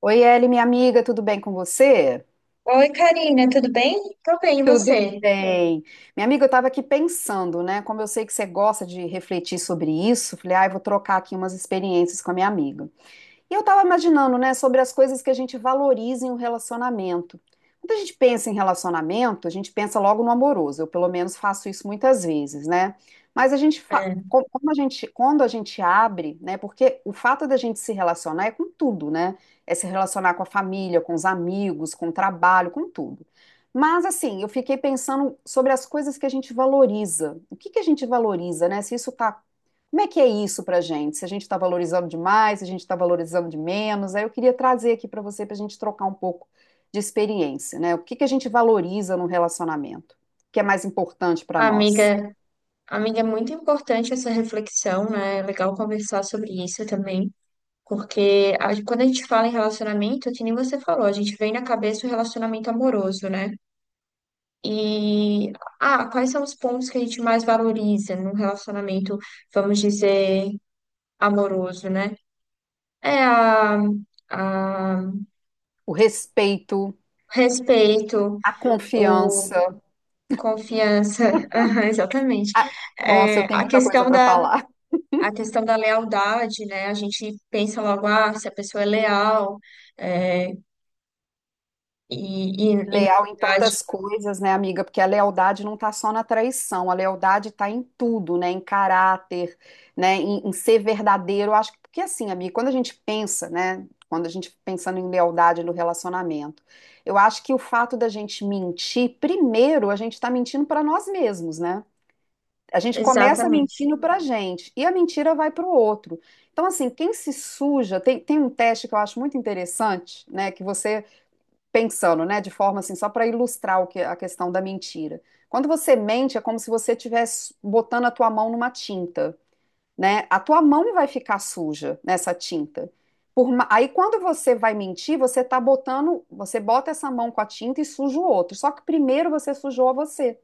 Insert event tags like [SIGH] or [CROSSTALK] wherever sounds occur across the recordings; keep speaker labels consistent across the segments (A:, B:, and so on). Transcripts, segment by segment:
A: Oi, Eli, minha amiga, tudo bem com você?
B: Oi, Karina, tudo bem? Tô bem, e
A: Tudo
B: você?
A: bem. Minha amiga, eu estava aqui pensando, né? Como eu sei que você gosta de refletir sobre isso, falei, ah, eu vou trocar aqui umas experiências com a minha amiga. E eu estava imaginando, né, sobre as coisas que a gente valoriza em um relacionamento. Quando a gente pensa em relacionamento, a gente pensa logo no amoroso. Eu, pelo menos, faço isso muitas vezes, né? Mas a gente,
B: É,
A: como a gente, quando a gente abre, né? Porque o fato da gente se relacionar é com tudo, né? É se relacionar com a família, com os amigos, com o trabalho, com tudo. Mas, assim, eu fiquei pensando sobre as coisas que a gente valoriza. O que que a gente valoriza, né? Se isso está como é que é isso para a gente? Se a gente está valorizando demais, se a gente está valorizando de menos? Aí eu queria trazer aqui para você, para a gente trocar um pouco de experiência, né? O que que a gente valoriza no relacionamento? O que é mais importante para nós?
B: amiga, amiga, é muito importante essa reflexão, né? É legal conversar sobre isso também, porque quando a gente fala em relacionamento, é que nem você falou, a gente vem na cabeça o relacionamento amoroso, né? E, Quais são os pontos que a gente mais valoriza num relacionamento, vamos dizer, amoroso, né? É a
A: O respeito,
B: respeito,
A: a confiança.
B: confiança. [LAUGHS] Aham, exatamente.
A: a- Nossa,
B: É,
A: eu tenho muita coisa para falar.
B: a questão da lealdade, né? A gente pensa logo, ah, se a pessoa é leal, é, e, na
A: Leal em
B: verdade.
A: tantas coisas, né, amiga? Porque a lealdade não está só na traição, a lealdade está em tudo, né? Em caráter, né? Em ser verdadeiro. Eu acho que, porque assim, amiga, quando a gente pensa, né? Quando a gente pensando em lealdade no relacionamento, eu acho que o fato da gente mentir, primeiro, a gente está mentindo para nós mesmos, né? A gente começa
B: Exatamente.
A: mentindo pra gente e a mentira vai pro outro. Então, assim, quem se suja, tem um teste que eu acho muito interessante, né? Que você pensando, né, de forma assim, só para ilustrar o que, a questão da mentira. Quando você mente, é como se você estivesse botando a tua mão numa tinta, né? A tua mão vai ficar suja nessa tinta. Aí quando você vai mentir, você tá botando, você bota essa mão com a tinta e suja o outro. Só que primeiro você sujou você.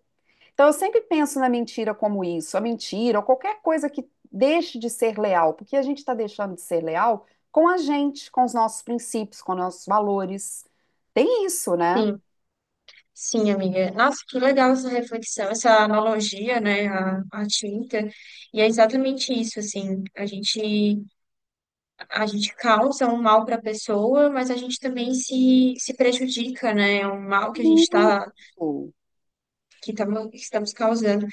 A: Então, eu sempre penso na mentira como isso, a mentira ou qualquer coisa que deixe de ser leal, porque a gente está deixando de ser leal com a gente, com os nossos princípios, com os nossos valores. Tem isso, né?
B: Sim, sim, amiga. Nossa, que legal essa reflexão, essa analogia, né? A tinta. E é exatamente isso, assim. A gente causa um mal para a pessoa, mas a gente também se prejudica, né? É um mal que a gente
A: Muito.
B: está que estamos causando.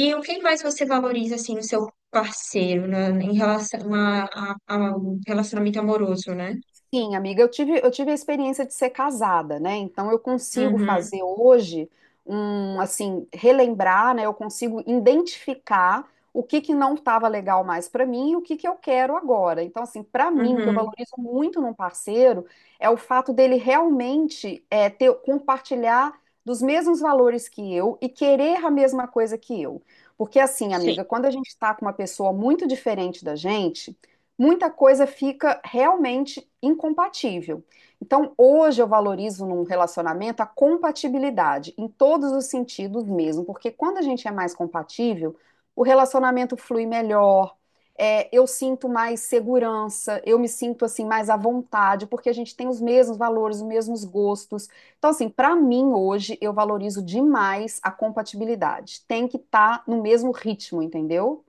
B: E o que mais você valoriza, assim, no seu parceiro, né, em relação ao relacionamento amoroso, né?
A: Sim, amiga, eu tive a experiência de ser casada, né? Então eu consigo
B: Uhum,
A: fazer hoje um, assim, relembrar, né? Eu consigo identificar o que que não estava legal mais para mim e o que que eu quero agora. Então, assim, para mim, o que eu
B: uhum,
A: valorizo muito num parceiro é o fato dele realmente é, ter, compartilhar dos mesmos valores que eu e querer a mesma coisa que eu. Porque, assim,
B: sim.
A: amiga, quando a gente está com uma pessoa muito diferente da gente muita coisa fica realmente incompatível. Então, hoje eu valorizo num relacionamento a compatibilidade, em todos os sentidos mesmo, porque quando a gente é mais compatível, o relacionamento flui melhor, é, eu sinto mais segurança, eu me sinto assim mais à vontade, porque a gente tem os mesmos valores, os mesmos gostos. Então, assim, para mim hoje eu valorizo demais a compatibilidade. Tem que estar no mesmo ritmo, entendeu?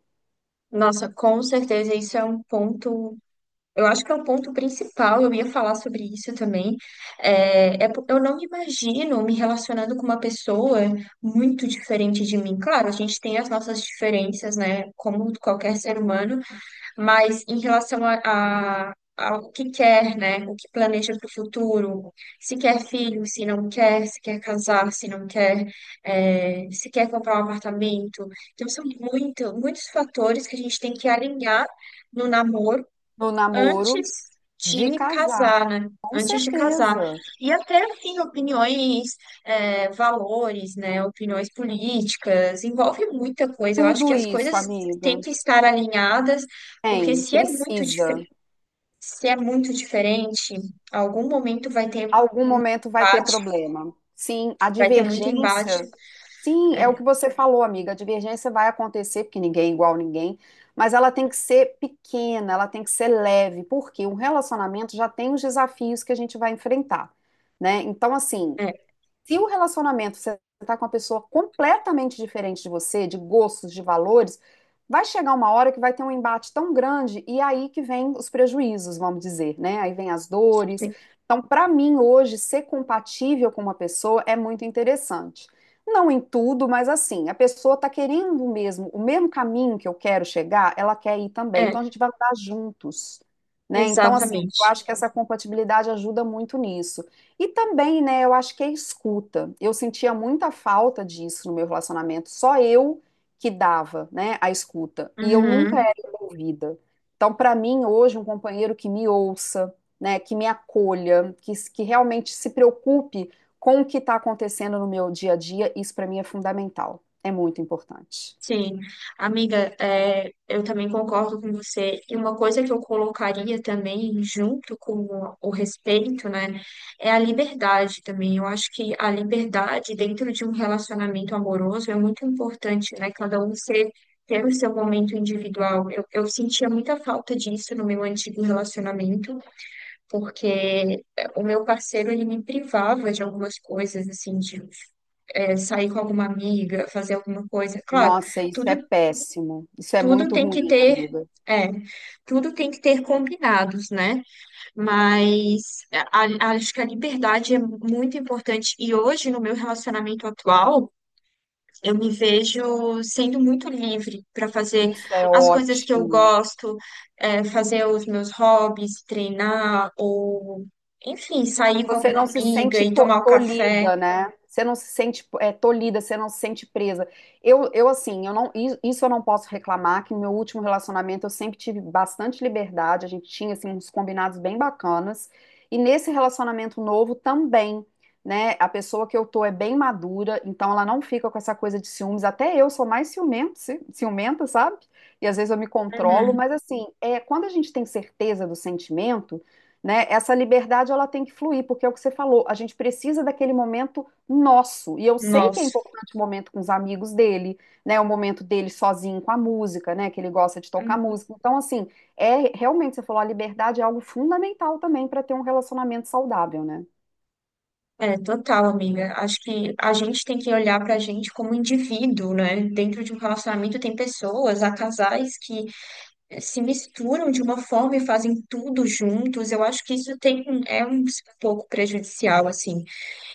B: Nossa, com certeza isso é um ponto. Eu acho que é um ponto principal. Eu ia falar sobre isso também. Eu não me imagino me relacionando com uma pessoa muito diferente de mim. Claro, a gente tem as nossas diferenças, né? Como qualquer ser humano. Mas em relação ao que quer, né? O que planeja para o futuro, se quer filho, se não quer, se quer casar, se não quer, se quer comprar um apartamento. Então, são muitos fatores que a gente tem que alinhar no namoro
A: No
B: antes
A: namoro de
B: de
A: casar.
B: casar, né?
A: Com
B: Antes de casar.
A: certeza.
B: E até, assim, opiniões, é, valores, né? Opiniões políticas, envolve muita coisa. Eu acho
A: Tudo
B: que as
A: isso,
B: coisas
A: amiga.
B: têm que estar alinhadas, porque
A: Tem, precisa.
B: se é muito diferente, algum momento vai ter
A: Algum momento vai ter
B: embate,
A: problema. Sim, a
B: vai ter muito embate.
A: divergência. Sim, é o que você falou, amiga. A divergência vai acontecer, porque ninguém é igual a ninguém, mas ela tem que ser pequena, ela tem que ser leve, porque um relacionamento já tem os desafios que a gente vai enfrentar, né? Então, assim,
B: É,
A: se o relacionamento você está com uma pessoa completamente diferente de você, de gostos, de valores, vai chegar uma hora que vai ter um embate tão grande e aí que vem os prejuízos, vamos dizer, né? Aí vem as dores. Então, para mim, hoje, ser compatível com uma pessoa é muito interessante. Não em tudo, mas assim, a pessoa está querendo mesmo, o mesmo caminho que eu quero chegar, ela quer ir também.
B: é,
A: Então, a gente vai andar juntos, né? Então, assim, eu
B: Exatamente.
A: acho que essa compatibilidade ajuda muito nisso. E também, né, eu acho que é escuta. Eu sentia muita falta disso no meu relacionamento, só eu que dava, né, a escuta. E eu nunca
B: Uhum.
A: era envolvida. Então, para mim, hoje, um companheiro que me ouça, né, que me acolha, que realmente se preocupe com o que está acontecendo no meu dia a dia, isso para mim é fundamental. É muito importante.
B: Sim, amiga, é, eu também concordo com você. E uma coisa que eu colocaria também, junto com o respeito, né, é a liberdade também. Eu acho que a liberdade dentro de um relacionamento amoroso é muito importante, né? Cada um ser, ter o seu momento individual. Eu sentia muita falta disso no meu antigo relacionamento, porque é, o meu parceiro, ele me privava de algumas coisas, assim, de é, sair com alguma amiga, fazer alguma coisa. Claro.
A: Nossa, isso
B: Tudo
A: é péssimo. Isso é
B: Tudo
A: muito
B: tem que
A: ruim,
B: ter,
A: amiga.
B: é, tudo tem que ter combinados, né? Mas é, a- Acho que a liberdade é muito importante. E hoje, no meu relacionamento atual, eu me vejo sendo muito livre para fazer
A: Isso é
B: as coisas que eu
A: ótimo.
B: gosto, é, fazer os meus hobbies, treinar, ou, enfim, sair com
A: Você não
B: alguma
A: se
B: amiga
A: sente
B: e tomar um café.
A: tolhida, né? Você não se sente é, tolhida, você não se sente presa. Eu assim, eu não, isso eu não posso reclamar, que no meu último relacionamento eu sempre tive bastante liberdade, a gente tinha assim, uns combinados bem bacanas. E nesse relacionamento novo também, né? A pessoa que eu tô é bem madura, então ela não fica com essa coisa de ciúmes. Até eu sou mais ciumenta, ciumenta, sabe? E às vezes eu me controlo,
B: Uhum.
A: mas assim, é, quando a gente tem certeza do sentimento, né? Essa liberdade ela tem que fluir, porque é o que você falou, a gente precisa daquele momento nosso. E eu sei que é
B: Nossa.
A: importante o momento com os amigos dele, né? O momento dele sozinho com a música, né? Que ele gosta de tocar música. Então, assim, é realmente, você falou, a liberdade é algo fundamental também para ter um relacionamento saudável, né?
B: É, total, amiga. Acho que a gente tem que olhar pra gente como indivíduo, né? Dentro de um relacionamento tem pessoas, há casais que se misturam de uma forma e fazem tudo juntos. Eu acho que isso tem, é um pouco prejudicial, assim.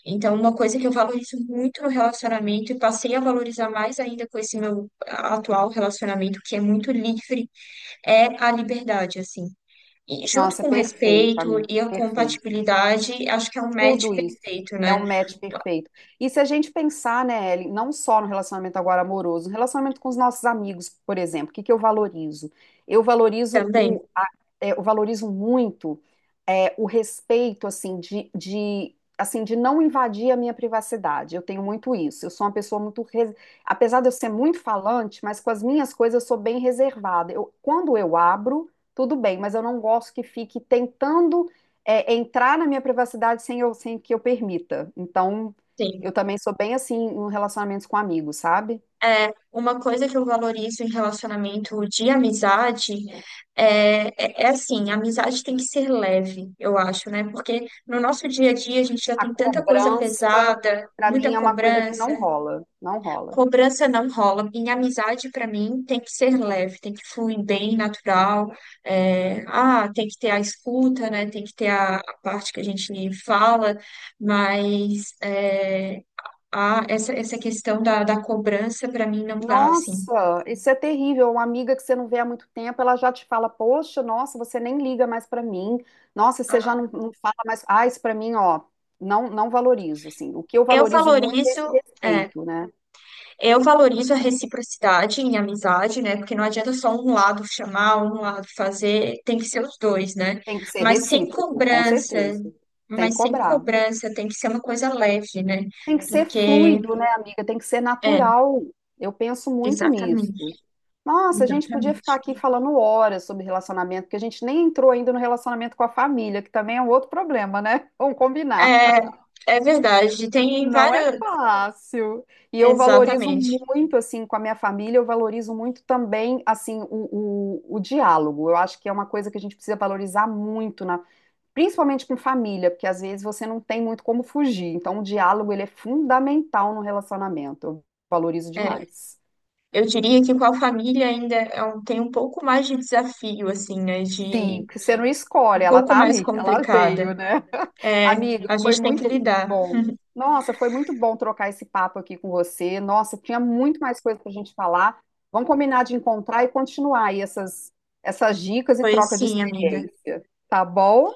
B: Então, uma coisa que eu valorizo muito no relacionamento e passei a valorizar mais ainda com esse meu atual relacionamento, que é muito livre, é a liberdade, assim. E junto
A: Nossa,
B: com o
A: perfeito,
B: respeito
A: amigo,
B: e a
A: perfeito.
B: compatibilidade, acho que é um match
A: Tudo isso
B: perfeito,
A: é um
B: né?
A: match perfeito. E se a gente pensar, né, Ellen, não só no relacionamento agora amoroso, no relacionamento com os nossos amigos, por exemplo, o que que eu valorizo? Eu valorizo
B: Também.
A: é, eu valorizo muito é, o respeito, assim, assim, de não invadir a minha privacidade. Eu tenho muito isso. Eu sou uma pessoa muito, apesar de eu ser muito falante, mas com as minhas coisas eu sou bem reservada. Eu, quando eu abro, tudo bem, mas eu não gosto que fique tentando é entrar na minha privacidade sem eu, sem que eu permita. Então, eu
B: Sim.
A: também sou bem assim em relacionamentos com amigos, sabe?
B: Uma coisa que eu valorizo em relacionamento de amizade é assim, a amizade tem que ser leve, eu acho, né? Porque no nosso dia a dia a gente já
A: A
B: tem tanta coisa
A: cobrança,
B: pesada,
A: pra mim,
B: muita
A: é uma coisa que
B: cobrança.
A: não rola, não rola.
B: Cobrança não rola. Em amizade, para mim, tem que ser leve, tem que fluir bem, natural. É, ah, tem que ter a escuta, né? Tem que ter a parte que a gente fala, mas é, ah, essa questão da cobrança para mim não dá, assim.
A: Nossa, isso é terrível. Uma amiga que você não vê há muito tempo, ela já te fala: Poxa, nossa, você nem liga mais pra mim. Nossa, você já
B: Ah,
A: não, não fala mais. Ah, isso pra mim, ó, não, não valorizo. Assim, o que eu
B: eu
A: valorizo muito é esse
B: valorizo, é,
A: respeito, né?
B: eu valorizo a reciprocidade em amizade, né? Porque não adianta só um lado chamar, um lado fazer, tem que ser os dois, né?
A: Tem que ser
B: Mas sem
A: recíproco, com
B: cobrança,
A: certeza. Sem
B: mas sem
A: cobrar.
B: cobrança tem que ser uma coisa leve, né?
A: Tem que ser
B: Porque,
A: fluido, né, amiga? Tem que ser
B: é,
A: natural. Eu penso muito nisso.
B: exatamente,
A: Nossa, a gente podia
B: exatamente.
A: ficar aqui falando horas sobre relacionamento, porque a gente nem entrou ainda no relacionamento com a família, que também é um outro problema, né? [LAUGHS] Vamos combinar.
B: É, é verdade, tem
A: Não é
B: várias,
A: fácil. E eu valorizo
B: exatamente.
A: muito, assim, com a minha família, eu valorizo muito também, assim, o diálogo. Eu acho que é uma coisa que a gente precisa valorizar muito na principalmente com família, porque às vezes você não tem muito como fugir. Então, o diálogo ele é fundamental no relacionamento. Eu valorizo
B: É.
A: demais.
B: Eu diria que com a família ainda tem um pouco mais de desafio, assim, né?
A: Sim,
B: De
A: porque você não escolhe,
B: um
A: ela
B: pouco
A: tá
B: mais
A: ali, [LAUGHS] ela
B: complicada.
A: veio, né? [LAUGHS]
B: É,
A: Amiga,
B: a
A: foi
B: gente tem que
A: muito
B: lidar.
A: bom. Nossa, foi muito bom trocar esse papo aqui com você. Nossa, tinha muito mais coisa pra gente falar. Vamos combinar de encontrar e continuar aí essas, essas dicas e
B: Pois
A: troca de
B: sim, amiga.
A: experiência, tá bom?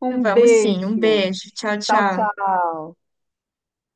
A: Um
B: Vamos sim. Um
A: beijo.
B: beijo. Tchau,
A: Tchau,
B: tchau.
A: tchau.